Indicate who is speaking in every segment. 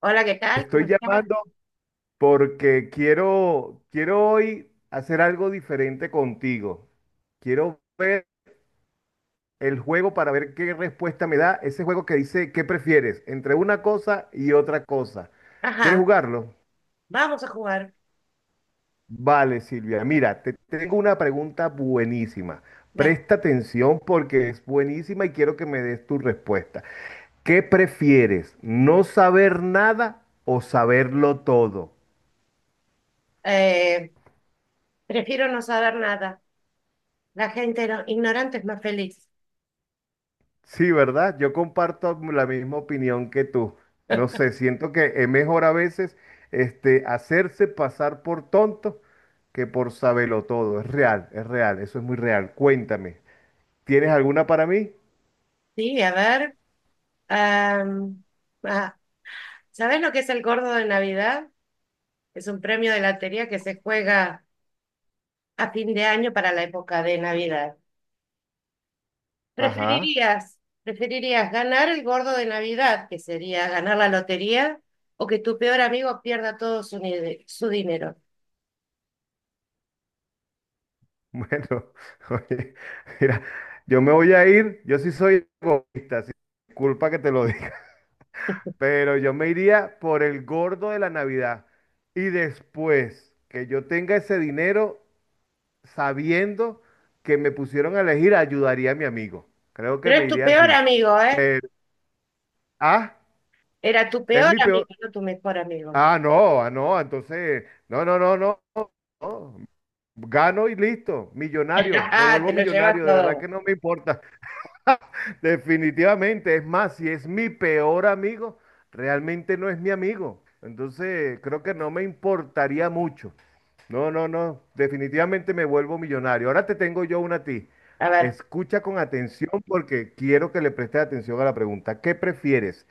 Speaker 1: Hola, ¿qué tal? ¿Cómo
Speaker 2: Estoy
Speaker 1: estás?
Speaker 2: llamando porque quiero hoy hacer algo diferente contigo. Quiero ver el juego para ver qué respuesta me da ese juego que dice qué prefieres entre una cosa y otra cosa. ¿Quieres
Speaker 1: Ajá,
Speaker 2: jugarlo?
Speaker 1: vamos a jugar.
Speaker 2: Vale, Silvia. Mira, te tengo una pregunta buenísima.
Speaker 1: Dale.
Speaker 2: Presta atención porque es buenísima y quiero que me des tu respuesta. ¿Qué prefieres? ¿No saber nada o saberlo todo?
Speaker 1: Eh, prefiero no saber nada. La gente ignorante es más feliz.
Speaker 2: Sí, ¿verdad? Yo comparto la misma opinión que tú. No sé, siento que es mejor a veces hacerse pasar por tonto que por saberlo todo. Es real, eso es muy real. Cuéntame, ¿tienes alguna para mí?
Speaker 1: Sí, a ver. am, ah, ¿Sabés lo que es el gordo de Navidad? Es un premio de lotería que se juega a fin de año para la época de Navidad.
Speaker 2: Ajá,
Speaker 1: ¿Preferirías ganar el gordo de Navidad, que sería ganar la lotería, o que tu peor amigo pierda todo su, ni- su dinero?
Speaker 2: bueno, oye, mira, yo me voy a ir, yo sí soy egoísta, sí, culpa que te lo diga, pero yo me iría por el gordo de la Navidad. Y después que yo tenga ese dinero, sabiendo que me pusieron a elegir, ayudaría a mi amigo. Creo que
Speaker 1: Pero
Speaker 2: me
Speaker 1: es tu
Speaker 2: iría
Speaker 1: peor
Speaker 2: así.
Speaker 1: amigo, ¿eh?
Speaker 2: Pero, ah,
Speaker 1: Era tu
Speaker 2: es
Speaker 1: peor
Speaker 2: mi peor.
Speaker 1: amigo, no tu mejor amigo.
Speaker 2: Ah, no, ah, no, entonces, no, no, no, no, no. Gano y listo, millonario, me
Speaker 1: Ah,
Speaker 2: vuelvo
Speaker 1: te lo llevas
Speaker 2: millonario, de verdad que
Speaker 1: todo.
Speaker 2: no me importa. Definitivamente, es más, si es mi peor amigo, realmente no es mi amigo. Entonces, creo que no me importaría mucho. No, no, no. Definitivamente me vuelvo millonario. Ahora te tengo yo una a ti.
Speaker 1: A ver,
Speaker 2: Escucha con atención porque quiero que le prestes atención a la pregunta. ¿Qué prefieres?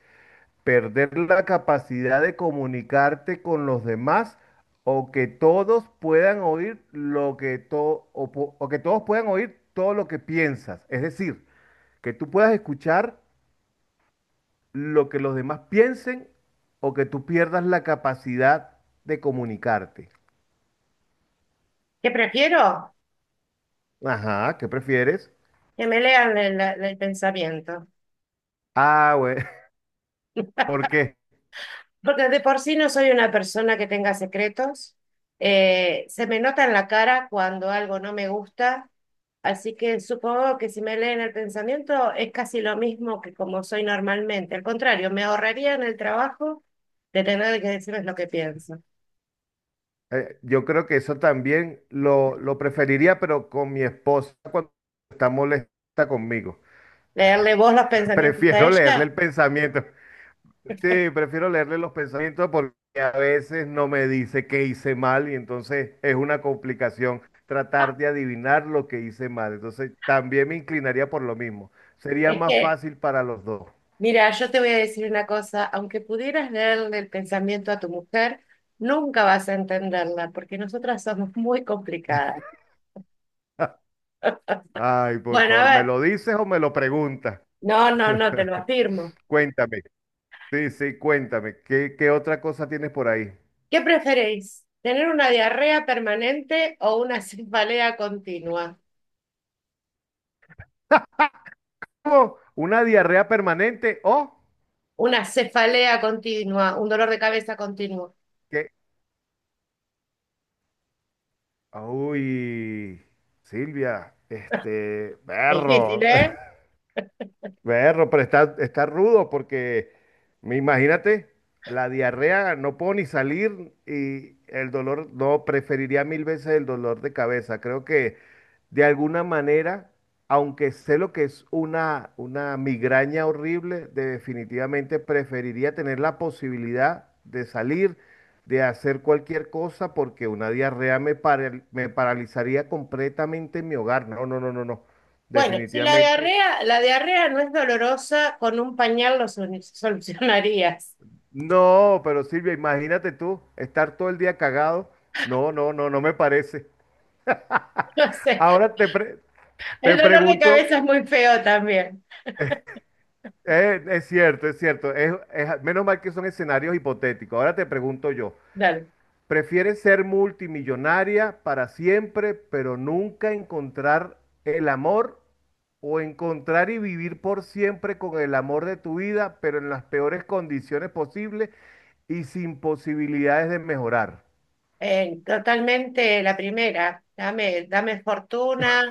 Speaker 2: ¿Perder la capacidad de comunicarte con los demás o que todos puedan oír lo que to- o po- o que todos puedan oír todo lo que piensas? Es decir, que tú puedas escuchar lo que los demás piensen o que tú pierdas la capacidad de comunicarte.
Speaker 1: ¿qué prefiero?
Speaker 2: Ajá, ¿qué prefieres?
Speaker 1: Que me lean el pensamiento.
Speaker 2: Ah, güey, ¿por qué?
Speaker 1: Porque de por sí no soy una persona que tenga secretos. Se me nota en la cara cuando algo no me gusta. Así que supongo que si me leen el pensamiento es casi lo mismo que como soy normalmente. Al contrario, me ahorraría en el trabajo de tener que decirles lo que pienso.
Speaker 2: Yo creo que eso también lo preferiría, pero con mi esposa cuando está molesta conmigo.
Speaker 1: Leerle vos los pensamientos a
Speaker 2: Prefiero leerle
Speaker 1: ella
Speaker 2: el pensamiento. Sí, prefiero leerle los pensamientos porque a veces no me dice qué hice mal y entonces es una complicación tratar de adivinar lo que hice mal. Entonces también me inclinaría por lo mismo. Sería
Speaker 1: es
Speaker 2: más
Speaker 1: que.
Speaker 2: fácil para los dos.
Speaker 1: Mira, yo te voy a decir una cosa, aunque pudieras leerle el pensamiento a tu mujer, nunca vas a entenderla, porque nosotras somos muy complicadas.
Speaker 2: Ay, por
Speaker 1: Bueno, a
Speaker 2: favor, ¿me
Speaker 1: ver,
Speaker 2: lo dices o me lo preguntas?
Speaker 1: no, no, no, te lo afirmo.
Speaker 2: Cuéntame. Sí, sí, cuéntame, ¿qué otra cosa tienes por ahí?
Speaker 1: ¿Qué preferís? ¿Tener una diarrea permanente o una cefalea continua?
Speaker 2: ¿Cómo? ¿Una diarrea permanente o
Speaker 1: Una cefalea continua, un dolor de cabeza continuo.
Speaker 2: qué? Uy, Silvia,
Speaker 1: Es difícil,
Speaker 2: perro.
Speaker 1: ¿eh?
Speaker 2: Berro, pero está rudo porque, me imagínate, la diarrea, no puedo ni salir y el dolor, no, preferiría mil veces el dolor de cabeza. Creo que de alguna manera, aunque sé lo que es una migraña horrible, definitivamente preferiría tener la posibilidad de salir, de hacer cualquier cosa, porque una diarrea me paralizaría completamente en mi hogar. No, no, no, no, no.
Speaker 1: Bueno, si la
Speaker 2: Definitivamente.
Speaker 1: diarrea, la diarrea no es dolorosa, con un pañal lo solucionarías.
Speaker 2: No, pero Silvia, imagínate tú estar todo el día cagado. No, no, no, no me parece.
Speaker 1: No sé.
Speaker 2: Ahora
Speaker 1: El
Speaker 2: te
Speaker 1: dolor de
Speaker 2: pregunto,
Speaker 1: cabeza es muy feo también.
Speaker 2: es cierto, menos mal que son escenarios hipotéticos. Ahora te pregunto yo,
Speaker 1: Dale.
Speaker 2: ¿prefieres ser multimillonaria para siempre, pero nunca encontrar el amor? ¿O encontrar y vivir por siempre con el amor de tu vida, pero en las peores condiciones posibles y sin posibilidades de mejorar?
Speaker 1: Totalmente la primera. Dame fortuna,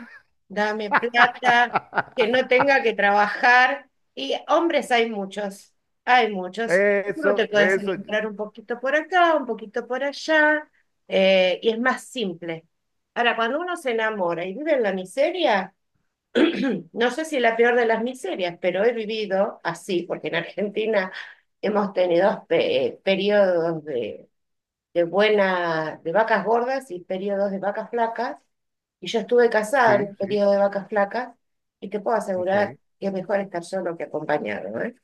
Speaker 1: dame plata, que no tenga que trabajar. Y hombres hay muchos, hay muchos. Uno
Speaker 2: Eso,
Speaker 1: te puedes
Speaker 2: eso,
Speaker 1: encontrar un poquito por acá, un poquito por allá, y es más simple. Ahora, cuando uno se enamora y vive en la miseria, no sé si la peor de las miserias, pero he vivido así, porque en Argentina hemos tenido periodos de buena, de vacas gordas y periodos de vacas flacas, y yo estuve casada en
Speaker 2: sí,
Speaker 1: un
Speaker 2: sí,
Speaker 1: periodo de vacas flacas, y te puedo asegurar
Speaker 2: ok.
Speaker 1: que es mejor estar solo que acompañado, ¿eh?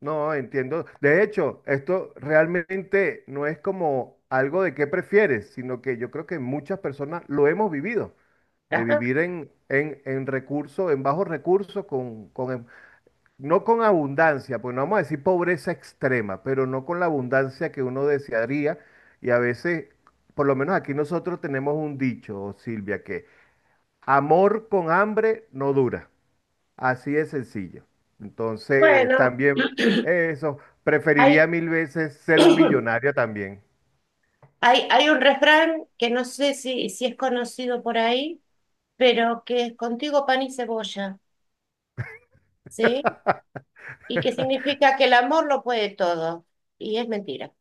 Speaker 2: No, entiendo. De hecho, esto realmente no es como algo de qué prefieres, sino que yo creo que muchas personas lo hemos vivido, de vivir en, recursos, en bajos recursos, no con abundancia, pues no vamos a decir pobreza extrema, pero no con la abundancia que uno desearía. Y a veces, por lo menos aquí nosotros tenemos un dicho, Silvia, que amor con hambre no dura. Así de sencillo. Entonces,
Speaker 1: Bueno,
Speaker 2: también eso,
Speaker 1: hay,
Speaker 2: preferiría mil veces ser un millonario también.
Speaker 1: hay un refrán que no sé si, si es conocido por ahí, pero que es contigo pan y cebolla, ¿sí? Y que significa que el amor lo puede todo. Y es mentira.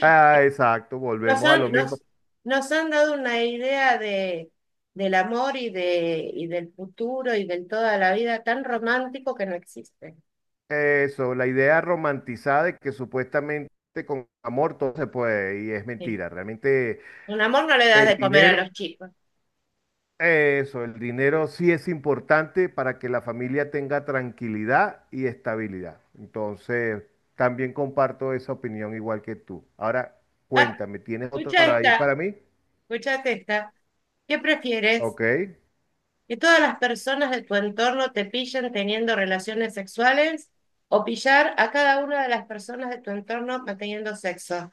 Speaker 2: Ah, exacto,
Speaker 1: Nos
Speaker 2: volvemos a
Speaker 1: han,
Speaker 2: lo mismo.
Speaker 1: nos, nos han dado una idea de, del amor y del futuro y del toda la vida tan romántico que no existe.
Speaker 2: Eso, la idea romantizada de que supuestamente con amor todo se puede, y es
Speaker 1: Sí.
Speaker 2: mentira. Realmente
Speaker 1: Un amor no le das
Speaker 2: el
Speaker 1: de comer a
Speaker 2: dinero,
Speaker 1: los chicos.
Speaker 2: eso, el dinero sí es importante para que la familia tenga tranquilidad y estabilidad. Entonces, también comparto esa opinión igual que tú. Ahora,
Speaker 1: Ah,
Speaker 2: cuéntame, ¿tienes otra
Speaker 1: escucha
Speaker 2: para ahí
Speaker 1: esta,
Speaker 2: para mí?
Speaker 1: escuchate esta. ¿Qué prefieres?
Speaker 2: Ok,
Speaker 1: ¿Que todas las personas de tu entorno te pillen teniendo relaciones sexuales o pillar a cada una de las personas de tu entorno manteniendo sexo?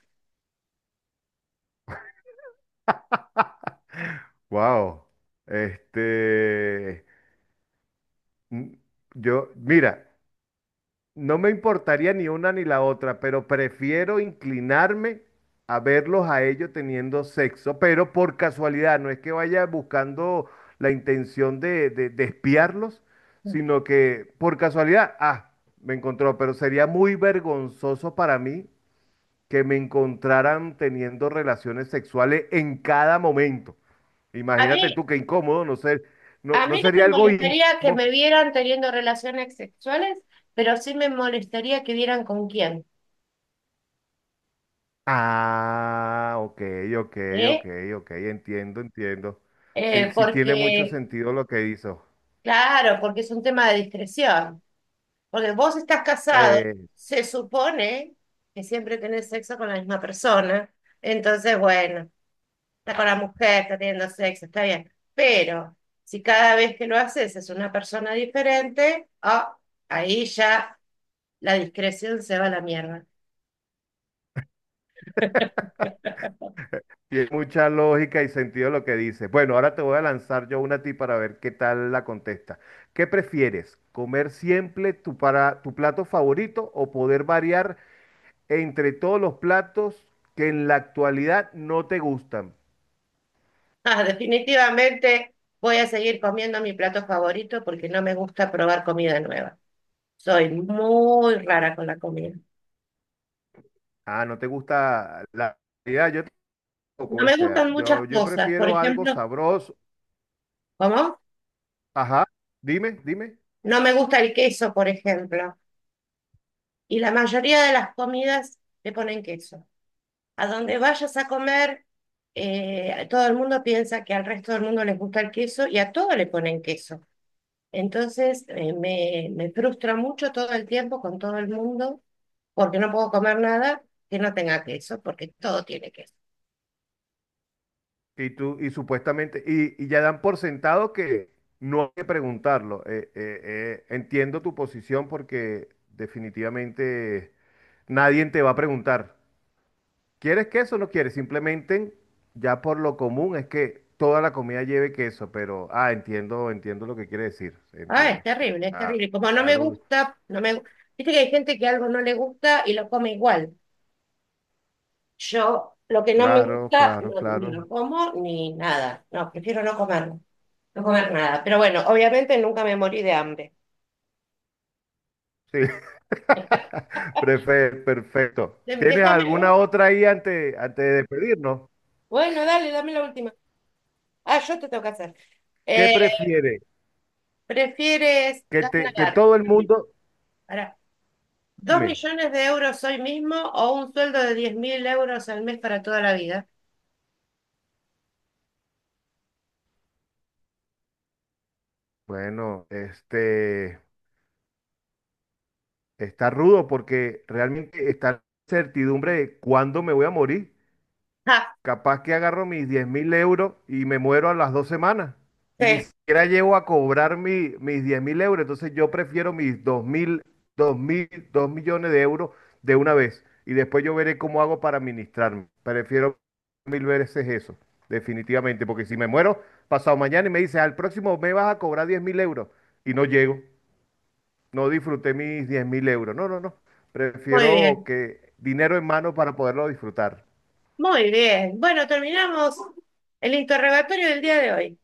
Speaker 2: wow. Este, mm, mira, no me importaría ni una ni la otra, pero prefiero inclinarme a verlos a ellos teniendo sexo, pero por casualidad, no es que vaya buscando la intención de espiarlos, sino que por casualidad, me encontró, pero sería muy vergonzoso para mí que me encontraran teniendo relaciones sexuales en cada momento.
Speaker 1: A mí
Speaker 2: Imagínate tú qué incómodo, no,
Speaker 1: A
Speaker 2: no
Speaker 1: mí no
Speaker 2: sería
Speaker 1: me
Speaker 2: algo
Speaker 1: molestaría que
Speaker 2: íntimo.
Speaker 1: me vieran teniendo relaciones sexuales, pero sí me molestaría que vieran con quién,
Speaker 2: Ah, ok, ok, ok,
Speaker 1: ¿eh?
Speaker 2: ok, entiendo, entiendo. Sí, sí tiene mucho
Speaker 1: Porque,
Speaker 2: sentido lo que hizo.
Speaker 1: claro, porque es un tema de discreción. Porque vos estás casado,
Speaker 2: Eh,
Speaker 1: se supone que siempre tenés sexo con la misma persona. Entonces, bueno, está con la mujer, está teniendo sexo, está bien. Pero si cada vez que lo haces es una persona diferente, ah, ahí ya la discreción se va a la mierda.
Speaker 2: tiene mucha lógica y sentido lo que dice. Bueno, ahora te voy a lanzar yo una a ti para ver qué tal la contesta. ¿Qué prefieres? ¿Comer siempre tu plato favorito o poder variar entre todos los platos que en la actualidad no te gustan?
Speaker 1: Ah, definitivamente voy a seguir comiendo mi plato favorito porque no me gusta probar comida nueva. Soy muy rara con la comida.
Speaker 2: Ah, no te gusta la... Ya, poco,
Speaker 1: No me
Speaker 2: ¿viste?
Speaker 1: gustan muchas
Speaker 2: Yo
Speaker 1: cosas. Por
Speaker 2: prefiero algo
Speaker 1: ejemplo,
Speaker 2: sabroso.
Speaker 1: ¿cómo?
Speaker 2: Ajá, dime, dime.
Speaker 1: No me gusta el queso, por ejemplo. Y la mayoría de las comidas le ponen queso. A donde vayas a comer, todo el mundo piensa que al resto del mundo les gusta el queso y a todo le ponen queso. Entonces, me frustra mucho todo el tiempo con todo el mundo porque no puedo comer nada que no tenga queso, porque todo tiene queso.
Speaker 2: Y tú, y supuestamente, y ya dan por sentado que no hay que preguntarlo. Entiendo tu posición porque definitivamente nadie te va a preguntar, ¿quieres queso o no quieres? Simplemente, ya por lo común es que toda la comida lleve queso, pero, entiendo, entiendo lo que quiere decir,
Speaker 1: Ah, es
Speaker 2: entiendo.
Speaker 1: terrible, es
Speaker 2: Ah,
Speaker 1: terrible. Como no me
Speaker 2: claro,
Speaker 1: gusta, no me gu-. Viste que hay gente que algo no le gusta y lo come igual. Yo lo que no me
Speaker 2: claro,
Speaker 1: gusta,
Speaker 2: claro,
Speaker 1: no, ni
Speaker 2: claro.
Speaker 1: lo como ni nada. No, prefiero no comerlo, no comer nada. Pero bueno, obviamente nunca me morí de hambre.
Speaker 2: Sí. Perfecto. ¿Tienes
Speaker 1: Déjame,
Speaker 2: alguna otra ahí antes de despedirnos?
Speaker 1: bueno, dale, dame la última. Ah, yo te tengo que hacer.
Speaker 2: ¿Qué
Speaker 1: Eh,
Speaker 2: prefieres?
Speaker 1: ¿Prefieres
Speaker 2: Que te, que
Speaker 1: ganar?
Speaker 2: todo el mundo,
Speaker 1: Pará. ¿Dos
Speaker 2: dime,
Speaker 1: millones de euros hoy mismo o un sueldo de 10.000 euros al mes para toda la vida?
Speaker 2: bueno, está rudo porque realmente está la certidumbre de cuándo me voy a morir.
Speaker 1: Ah.
Speaker 2: Capaz que agarro mis 10.000 euros y me muero a las 2 semanas. Y ni
Speaker 1: Sí.
Speaker 2: siquiera llego a cobrar mis 10.000 euros. Entonces yo prefiero mis 2 millones de euros de una vez. Y después yo veré cómo hago para administrarme. Prefiero mil veces eso, definitivamente. Porque si me muero pasado mañana y me dices, al próximo me vas a cobrar 10.000 euros. Y no llego. No disfruté mis 10.000 euros. No, no, no.
Speaker 1: Muy
Speaker 2: Prefiero
Speaker 1: bien,
Speaker 2: que dinero en mano para poderlo disfrutar.
Speaker 1: muy bien. Bueno, terminamos el interrogatorio del día de hoy.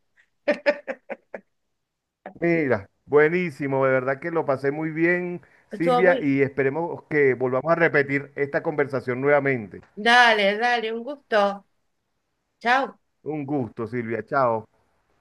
Speaker 2: Mira, buenísimo, de verdad que lo pasé muy bien,
Speaker 1: Estuvo
Speaker 2: Silvia,
Speaker 1: muy...
Speaker 2: y esperemos que volvamos a repetir esta conversación nuevamente.
Speaker 1: Dale, dale, un gusto. Chao.
Speaker 2: Un gusto, Silvia, chao.